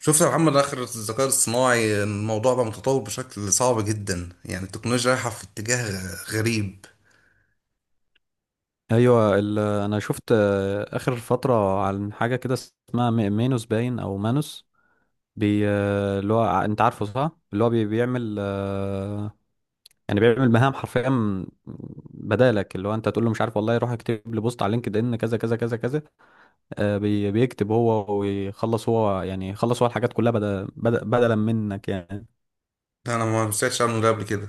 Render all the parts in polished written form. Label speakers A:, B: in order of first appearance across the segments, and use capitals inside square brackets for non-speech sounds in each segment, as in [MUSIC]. A: شفت يا محمد آخر الذكاء الاصطناعي، الموضوع بقى متطور بشكل صعب جدا. التكنولوجيا رايحة في اتجاه غريب.
B: ايوه انا شفت اخر فتره عن حاجه كده اسمها مينوس باين او مانوس بي اللي هو انت عارفه صح، اللي هو بيعمل يعني بيعمل مهام حرفيا بدالك، اللي هو انت تقول له مش عارف والله روح اكتب لي بوست على لينكد ان كذا كذا كذا كذا. بي بيكتب هو ويخلص هو، يعني يخلص هو الحاجات كلها بدل بدلا منك يعني.
A: أنا ما سمعتش عنه ده قبل كده،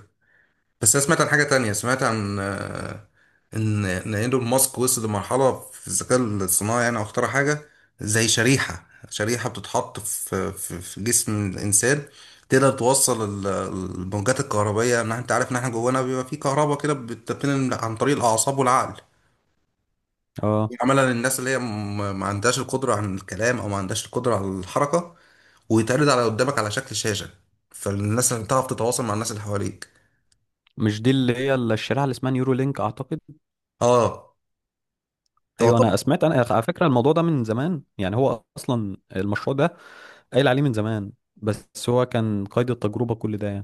A: بس أنا سمعت عن حاجة تانية. سمعت عن إن إيلون ماسك وصل لمرحلة في الذكاء الاصطناعي، يعني أو اخترع حاجة زي شريحة، بتتحط في جسم الإنسان. تقدر توصل الموجات الكهربائية. أنت عارف إن إحنا جوانا بيبقى فيه كهرباء كده، بتتنقل عن طريق الأعصاب والعقل.
B: اه،
A: عملا الناس اللي هي ما عندهاش القدرة على الكلام أو ما عندهاش القدرة على الحركة، ويتعرض على قدامك على شكل شاشة، فالناس اللي بتعرف تتواصل مع الناس اللي حواليك.
B: مش دي اللي هي الشريحه اللي اسمها نيورو لينك اعتقد؟
A: اه. هو
B: ايوه،
A: طب،
B: انا سمعت، انا على فكره الموضوع ده من زمان يعني، هو اصلا المشروع ده قايل عليه من زمان بس هو كان قيد التجربة كل ده يعني.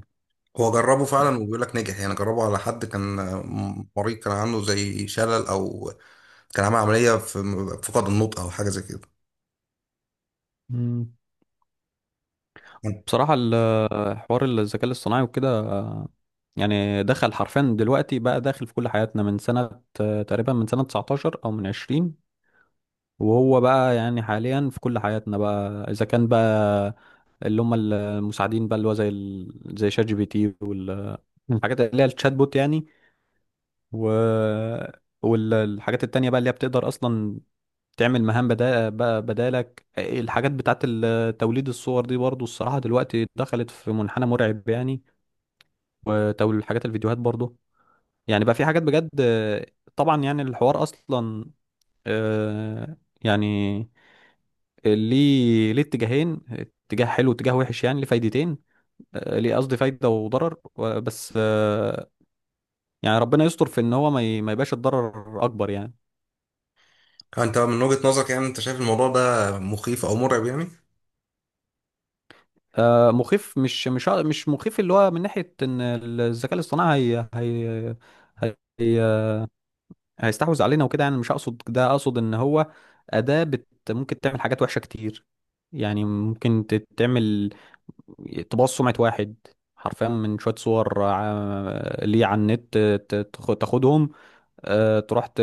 A: هو جربه فعلا وبيقول لك نجح. يعني جربه على حد كان مريض، كان عنده زي شلل، أو كان عامل عملية في فقد النطق أو حاجة زي كده.
B: مم. بصراحة حوار الذكاء الاصطناعي وكده يعني دخل حرفيا دلوقتي، بقى داخل في كل حياتنا من سنة تقريبا من سنة 19 أو من 20. وهو بقى يعني حاليا في كل حياتنا بقى، إذا كان بقى اللي هم المساعدين بقى اللي هو زي زي شات جي بي تي والحاجات اللي هي الشات بوت يعني، و والحاجات التانية بقى اللي هي بتقدر أصلا تعمل مهام بدا بقى بدالك. الحاجات بتاعت توليد الصور دي برضو الصراحة دلوقتي دخلت في منحنى مرعب يعني، وتوليد حاجات الفيديوهات برضو. يعني بقى في حاجات بجد طبعا يعني الحوار أصلا، آه، يعني ليه اتجاهين، اتجاه حلو واتجاه وحش، يعني ليه فايدتين، ليه قصدي فايدة وضرر بس يعني ربنا يستر في ان هو ما يبقاش الضرر اكبر يعني.
A: انت من وجهة نظرك، يعني انت شايف الموضوع ده مخيف او مرعب يعني؟
B: مخيف، مش مخيف اللي هو من ناحية ان الذكاء الاصطناعي هي هي هيستحوذ علينا وكده يعني، مش اقصد ده، اقصد ان هو أداة بت ممكن تعمل حاجات وحشة كتير. يعني ممكن تعمل تبوظ سمعة واحد حرفيا من شوية صور ليه على النت، تاخدهم، تروح ت-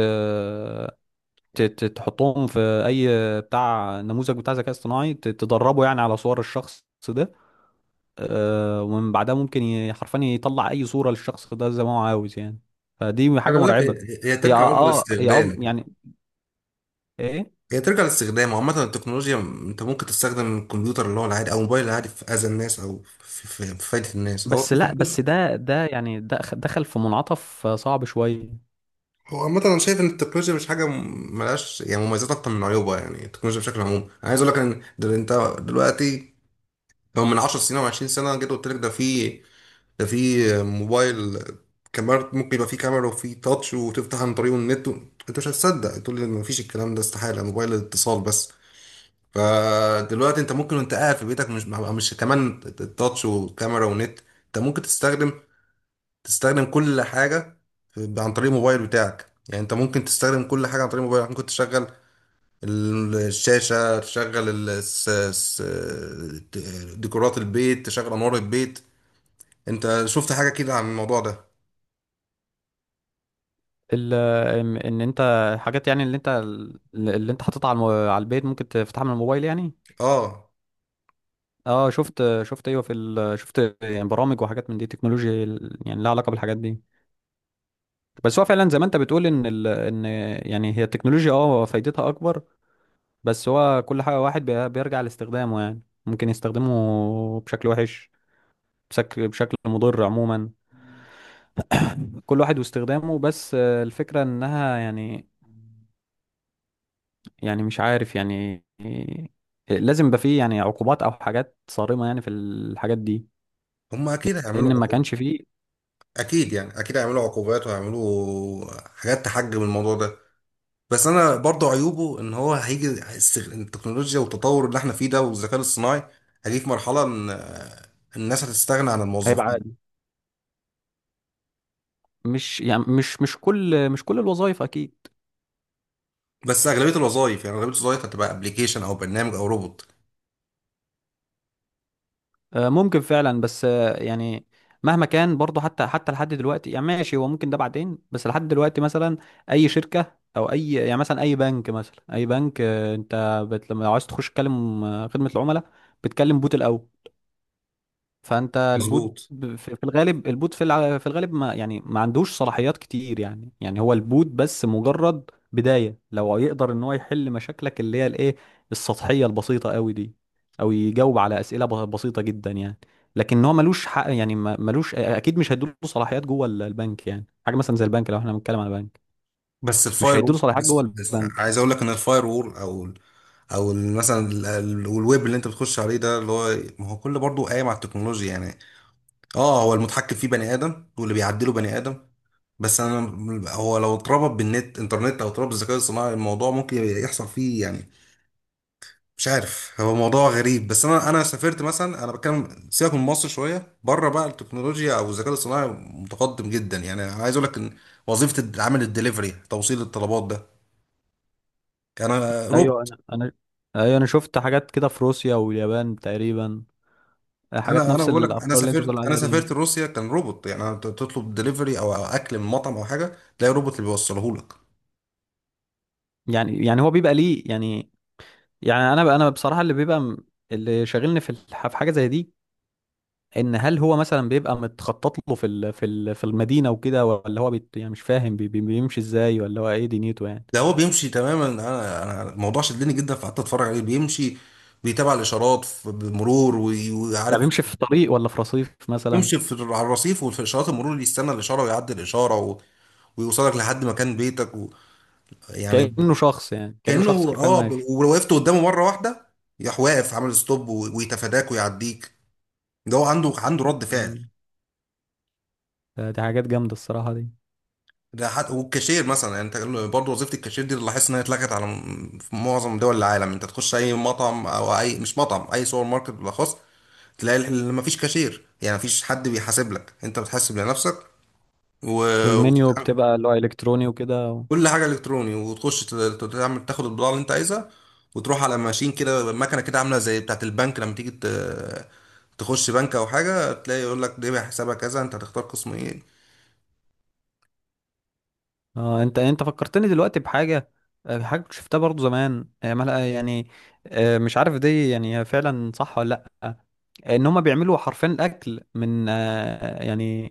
B: ت- ت- تحطهم في اي بتاع نموذج بتاع ذكاء اصطناعي، تدربه يعني على صور الشخص ده. ومن بعدها ممكن حرفيا يطلع اي صورة للشخص ده زي ما هو عاوز يعني، فدي حاجة
A: خلي بالك، هي
B: مرعبة.
A: هي
B: هي
A: ترجع برضه [LAUGHS]
B: اه، هي اه
A: للاستخدام.
B: يعني ايه.
A: هي ترجع للاستخدام، عامة التكنولوجيا انت ممكن تستخدم الكمبيوتر اللي هو العادي او الموبايل العادي في اذى الناس او في فايدة الناس. هو
B: بس لا، بس ده يعني ده دخل في منعطف صعب شوية.
A: هو عامة انا شايف ان التكنولوجيا مش حاجة ملهاش يعني مميزات اكتر من عيوبها. يعني التكنولوجيا بشكل عام، انا عايز اقول لك ان انت دلوقتي، لو من 10 سنين او 20 سنة جيت قلت لك ده في، ده في موبايل كاميرا، ممكن يبقى فيه كاميرا وفيه تاتش وتفتح عن طريقه النت و... انت مش هتصدق، تقول لي مفيش الكلام ده، استحالة، موبايل اتصال بس. فدلوقتي انت ممكن وانت قاعد في بيتك، مش كمان التاتش وكاميرا ونت، انت ممكن تستخدم كل حاجه عن طريق الموبايل بتاعك. يعني انت ممكن تستخدم كل حاجه عن طريق موبايلك، ممكن تشغل الشاشه، تشغل ديكورات البيت، تشغل انوار البيت. انت شفت حاجه كده عن الموضوع ده؟
B: ال- ان إن انت حاجات يعني اللي انت، اللي انت حاططها على على البيت ممكن تفتحها من الموبايل يعني.
A: اه.
B: اه شفت، شفت، ايوه في شفت يعني برامج وحاجات من دي تكنولوجيا يعني لها علاقة بالحاجات دي. بس هو فعلا زي ما انت بتقول ان ان يعني هي التكنولوجيا اه فايدتها اكبر. بس هو كل حاجة واحد بيرجع لاستخدامه يعني، ممكن يستخدمه بشكل وحش، بشكل مضر عموما. كل واحد واستخدامه، بس الفكرة انها يعني، يعني مش عارف يعني لازم يبقى فيه يعني عقوبات او حاجات صارمة يعني في الحاجات دي.
A: هم اكيد هيعملوا
B: لان ما
A: عقوبات.
B: كانش فيه.
A: اكيد، يعني اكيد هيعملوا عقوبات وهيعملوا حاجات تحجم الموضوع ده. بس انا برضه عيوبه ان هو هيجي التكنولوجيا والتطور اللي احنا فيه ده والذكاء الاصطناعي، هيجي في مرحله ان الناس هتستغنى عن
B: هيبقى
A: الموظفين.
B: عادي، مش يعني مش كل الوظائف اكيد.
A: بس اغلبيه الوظائف، يعني اغلبيه الوظائف هتبقى ابلكيشن او برنامج او روبوت.
B: ممكن فعلا، بس يعني مهما كان برضه، حتى لحد دلوقتي يعني ماشي، هو ممكن ده بعدين، بس لحد دلوقتي مثلا اي شركه او اي يعني مثلا اي بنك، مثلا اي بنك انت بت، لما لو عايز تخش تكلم خدمه العملاء بتكلم بوت الاول. فانت البوت
A: مظبوط.
B: في في الغالب، البوت في في الغالب ما يعني ما عندوش صلاحيات كتير يعني، يعني هو البوت بس مجرد بداية لو يقدر ان هو يحل مشاكلك اللي هي الايه، السطحية البسيطة قوي دي، او يجاوب على اسئلة بسيطة جدا يعني. لكن هو ملوش حق يعني، ملوش، اكيد مش هيدوله صلاحيات جوه البنك يعني، حاجة مثلا زي البنك، لو احنا بنتكلم على بنك
A: بس
B: مش
A: الفاير وول،
B: هيدوله صلاحيات جوه
A: بس
B: البنك.
A: عايز اقول لك ان الفاير وول مثلا الويب اللي انت بتخش عليه ده اللي هو، ما هو كله برضه قايم على التكنولوجيا يعني. اه، هو المتحكم فيه بني ادم واللي بيعدله بني ادم، بس انا هو لو اتربط بالنت انترنت او اتربط بالذكاء الصناعي، الموضوع ممكن يحصل فيه يعني. مش عارف، هو موضوع غريب. بس انا سافرت مثلا، انا بتكلم سيبك من مصر شويه بره بقى، التكنولوجيا او الذكاء الصناعي متقدم جدا. يعني انا عايز اقول لك ان وظيفه عامل الدليفري، توصيل الطلبات ده، انا
B: ايوه
A: روبوت.
B: انا ايوه انا شفت حاجات كده في روسيا واليابان تقريبا، حاجات
A: انا
B: نفس
A: بقول لك، انا
B: الافكار اللي انت بتقول
A: سافرت، انا
B: عليها دي.
A: سافرت روسيا كان روبوت. يعني أنا تطلب دليفري او اكل من مطعم او حاجه، تلاقي روبوت اللي بيوصله لك.
B: يعني يعني هو بيبقى ليه يعني، يعني انا بصراحه اللي بيبقى اللي شاغلني في في حاجه زي دي، ان هل هو مثلا بيبقى متخطط له في في المدينه وكده، ولا هو بيت يعني مش فاهم بيمشي ازاي، ولا هو ايه دنيته يعني.
A: ده هو بيمشي تماما. انا الموضوع شدني جدا، فقعدت اتفرج عليه بيمشي، بيتابع الاشارات بمرور
B: يعني
A: وعارف
B: بيمشي في طريق ولا في رصيف مثلا؟
A: يمشي في، على الرصيف، وفي اشارات المرور اللي يستنى الاشاره ويعدي الاشاره و... ويوصلك لحد مكان بيتك و... يعني.
B: كانه شخص يعني، كانه
A: كانه
B: شخص حرفيا
A: اه،
B: ماشي.
A: ولو وقفت قدامه مره واحده يروح واقف عامل ستوب و... ويتفاداك ويعديك. ده هو عنده رد فعل.
B: مم. دي حاجات جامده الصراحه دي.
A: ده حد... والكاشير مثلا، يعني انت برضه وظيفه الكاشير دي اللي لاحظت انها اتلغت على في معظم دول العالم. انت تخش اي مطعم او اي، مش مطعم، اي سوبر ماركت بالاخص، تلاقي مفيش كاشير. يعني مفيش حد بيحاسب لك، انت بتحاسب لنفسك و...
B: والمنيو
A: وتتعامل
B: بتبقى اللي هو الكتروني وكده.
A: كل حاجه الكتروني، وتخش تعمل، تاخد البضاعه اللي انت عايزها، وتروح على ماشين كده، مكنه كده عامله زي بتاعه البنك لما تيجي تخش بنك او حاجه، تلاقي يقول لك ده حسابها كذا، انت هتختار قسم ايه.
B: اه انت انت فكرتني دلوقتي بحاجه، حاجه كنت شفتها برضو زمان يعني مش عارف دي يعني هي فعلا صح ولا لا، ان هم بيعملوا حرفيا الاكل من يعني،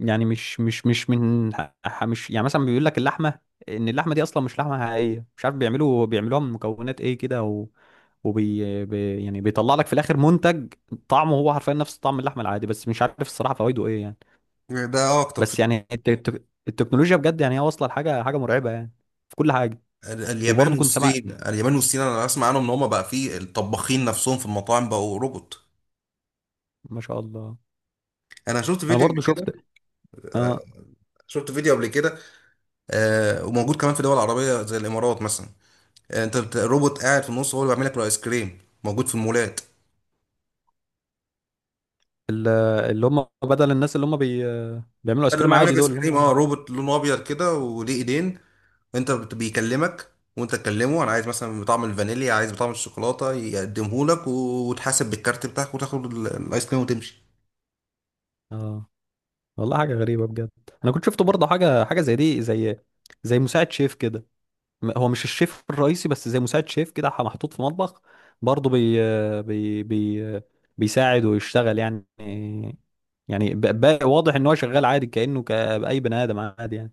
B: يعني مش من مش يعني مثلا بيقول لك اللحمه، ان اللحمه دي اصلا مش لحمه حقيقيه، مش عارف بيعملوا بيعملوها من مكونات ايه كده، و وبي يعني بيطلع لك في الاخر منتج طعمه هو حرفيا نفس طعم اللحمه العادي، بس مش عارف الصراحه فوائده ايه يعني.
A: ده اكتر في
B: بس يعني التكنولوجيا بجد يعني هي واصله لحاجه، حاجه مرعبه يعني في كل حاجه.
A: اليابان
B: وبرضه كنت سامع،
A: والصين. اليابان والصين انا اسمع عنهم ان هم بقى فيه الطباخين نفسهم في المطاعم بقوا روبوت.
B: ما شاء الله.
A: انا شفت
B: انا
A: فيديو قبل
B: برضه شفت
A: كده،
B: اه.
A: شفت فيديو قبل كده. آه، وموجود كمان في دول عربيه زي الامارات مثلا. روبوت قاعد في النص هو اللي بيعمل لك الايس كريم، موجود في المولات.
B: ال- اللي هم بدل الناس اللي هم بيعملوا ايس
A: بدل
B: كريم
A: ما يعمل لك
B: عادي
A: ايس
B: دول اللي
A: كريم، اه،
B: هم.
A: روبوت لونه ابيض كده وليه ايدين. بيكلمك، وانت تكلمه انا عايز مثلا بطعم الفانيليا، عايز بطعم الشوكولاته، يقدمه لك وتحاسب بالكارت بتاعك، وتاخد الايس كريم وتمشي.
B: اه والله حاجه غريبه بجد. انا كنت شفت برضه حاجه، حاجه زي دي، زي زي مساعد شيف كده، هو مش الشيف الرئيسي، بس زي مساعد شيف كده محطوط في مطبخ، برضه بي بي بيساعد ويشتغل يعني. يعني واضح ان هو شغال عادي كأنه كأي بني ادم عادي يعني.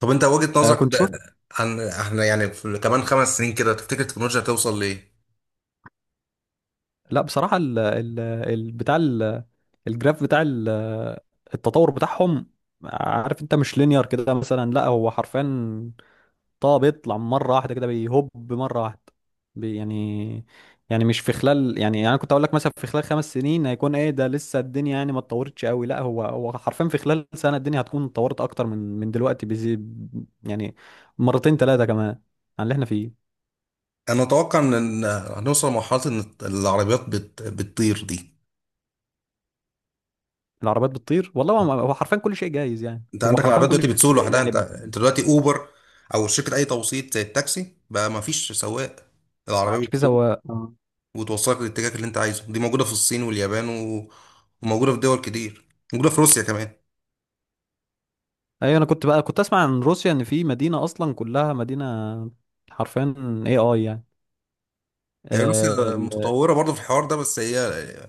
A: طب انت وجهة نظرك،
B: كنت
A: ده
B: شفت،
A: ده عن احنا يعني في كمان خمس سنين كده، تفتكر التكنولوجيا هتوصل لايه؟
B: لا بصراحة ال بتاع الجراف بتاع التطور بتاعهم، عارف انت مش لينير كده مثلا، لا هو حرفيا طه بيطلع مرة واحدة كده، بيهب مرة واحدة. يعني، يعني مش في خلال يعني، يعني أنا كنت اقول لك مثلا في خلال 5 سنين هيكون ايه، ده لسه الدنيا يعني ما اتطورتش قوي، لا هو هو حرفيا في خلال سنة الدنيا هتكون اتطورت اكتر من دلوقتي بزي يعني مرتين ثلاثة كمان عن اللي احنا فيه.
A: انا اتوقع ان هنوصل لمرحله ان العربيات بتطير دي.
B: العربيات بتطير، والله هو هو حرفيا كل شيء جايز يعني،
A: انت
B: هو
A: عندك
B: حرفيا
A: العربيات
B: كل
A: دلوقتي بتسوق
B: شيء
A: لوحدها. انت
B: يعني.
A: انت دلوقتي اوبر او شركه اي توصيل زي التاكسي، بقى ما فيش سواق،
B: ما
A: العربيه
B: عادش في
A: بتسوق
B: سواق آه.
A: وتوصلك للاتجاه اللي انت عايزه. دي موجوده في الصين واليابان و... وموجوده في دول كتير، موجوده في روسيا كمان.
B: ايوه انا كنت بقى كنت اسمع عن روسيا ان في مدينة اصلا كلها مدينة حرفيا، اي اي
A: هي روسيا
B: يعني.
A: متطوره برضه في الحوار ده، بس هي،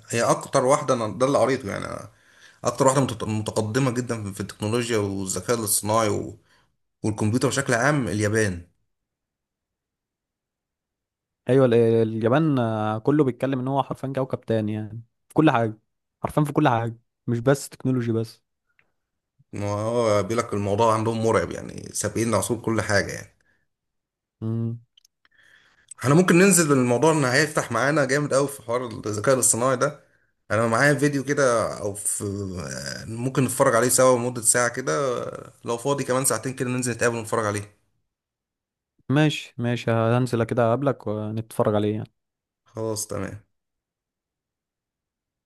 A: هي اكتر واحده، انا ده اللي قريته، اكتر واحده متقدمه جدا في التكنولوجيا والذكاء الاصطناعي و... والكمبيوتر بشكل عام. اليابان،
B: ايوه اليابان كله بيتكلم ان هو حرفيا كوكب تاني يعني في كل حاجه، حرفيا في كل حاجه، مش بس تكنولوجي بس.
A: ما هو بيقول لك الموضوع عندهم مرعب، يعني سابقين العصور كل حاجه يعني.
B: مم.
A: احنا ممكن ننزل بالموضوع ان هيفتح معانا جامد قوي في حوار الذكاء الاصطناعي ده. انا معايا فيديو كده او في، ممكن نتفرج عليه سوا لمدة ساعة كده. لو فاضي كمان ساعتين كده، ننزل نتقابل ونتفرج عليه.
B: ماشي ماشي، هنزل كده اقابلك ونتفرج عليه يعني.
A: خلاص تمام.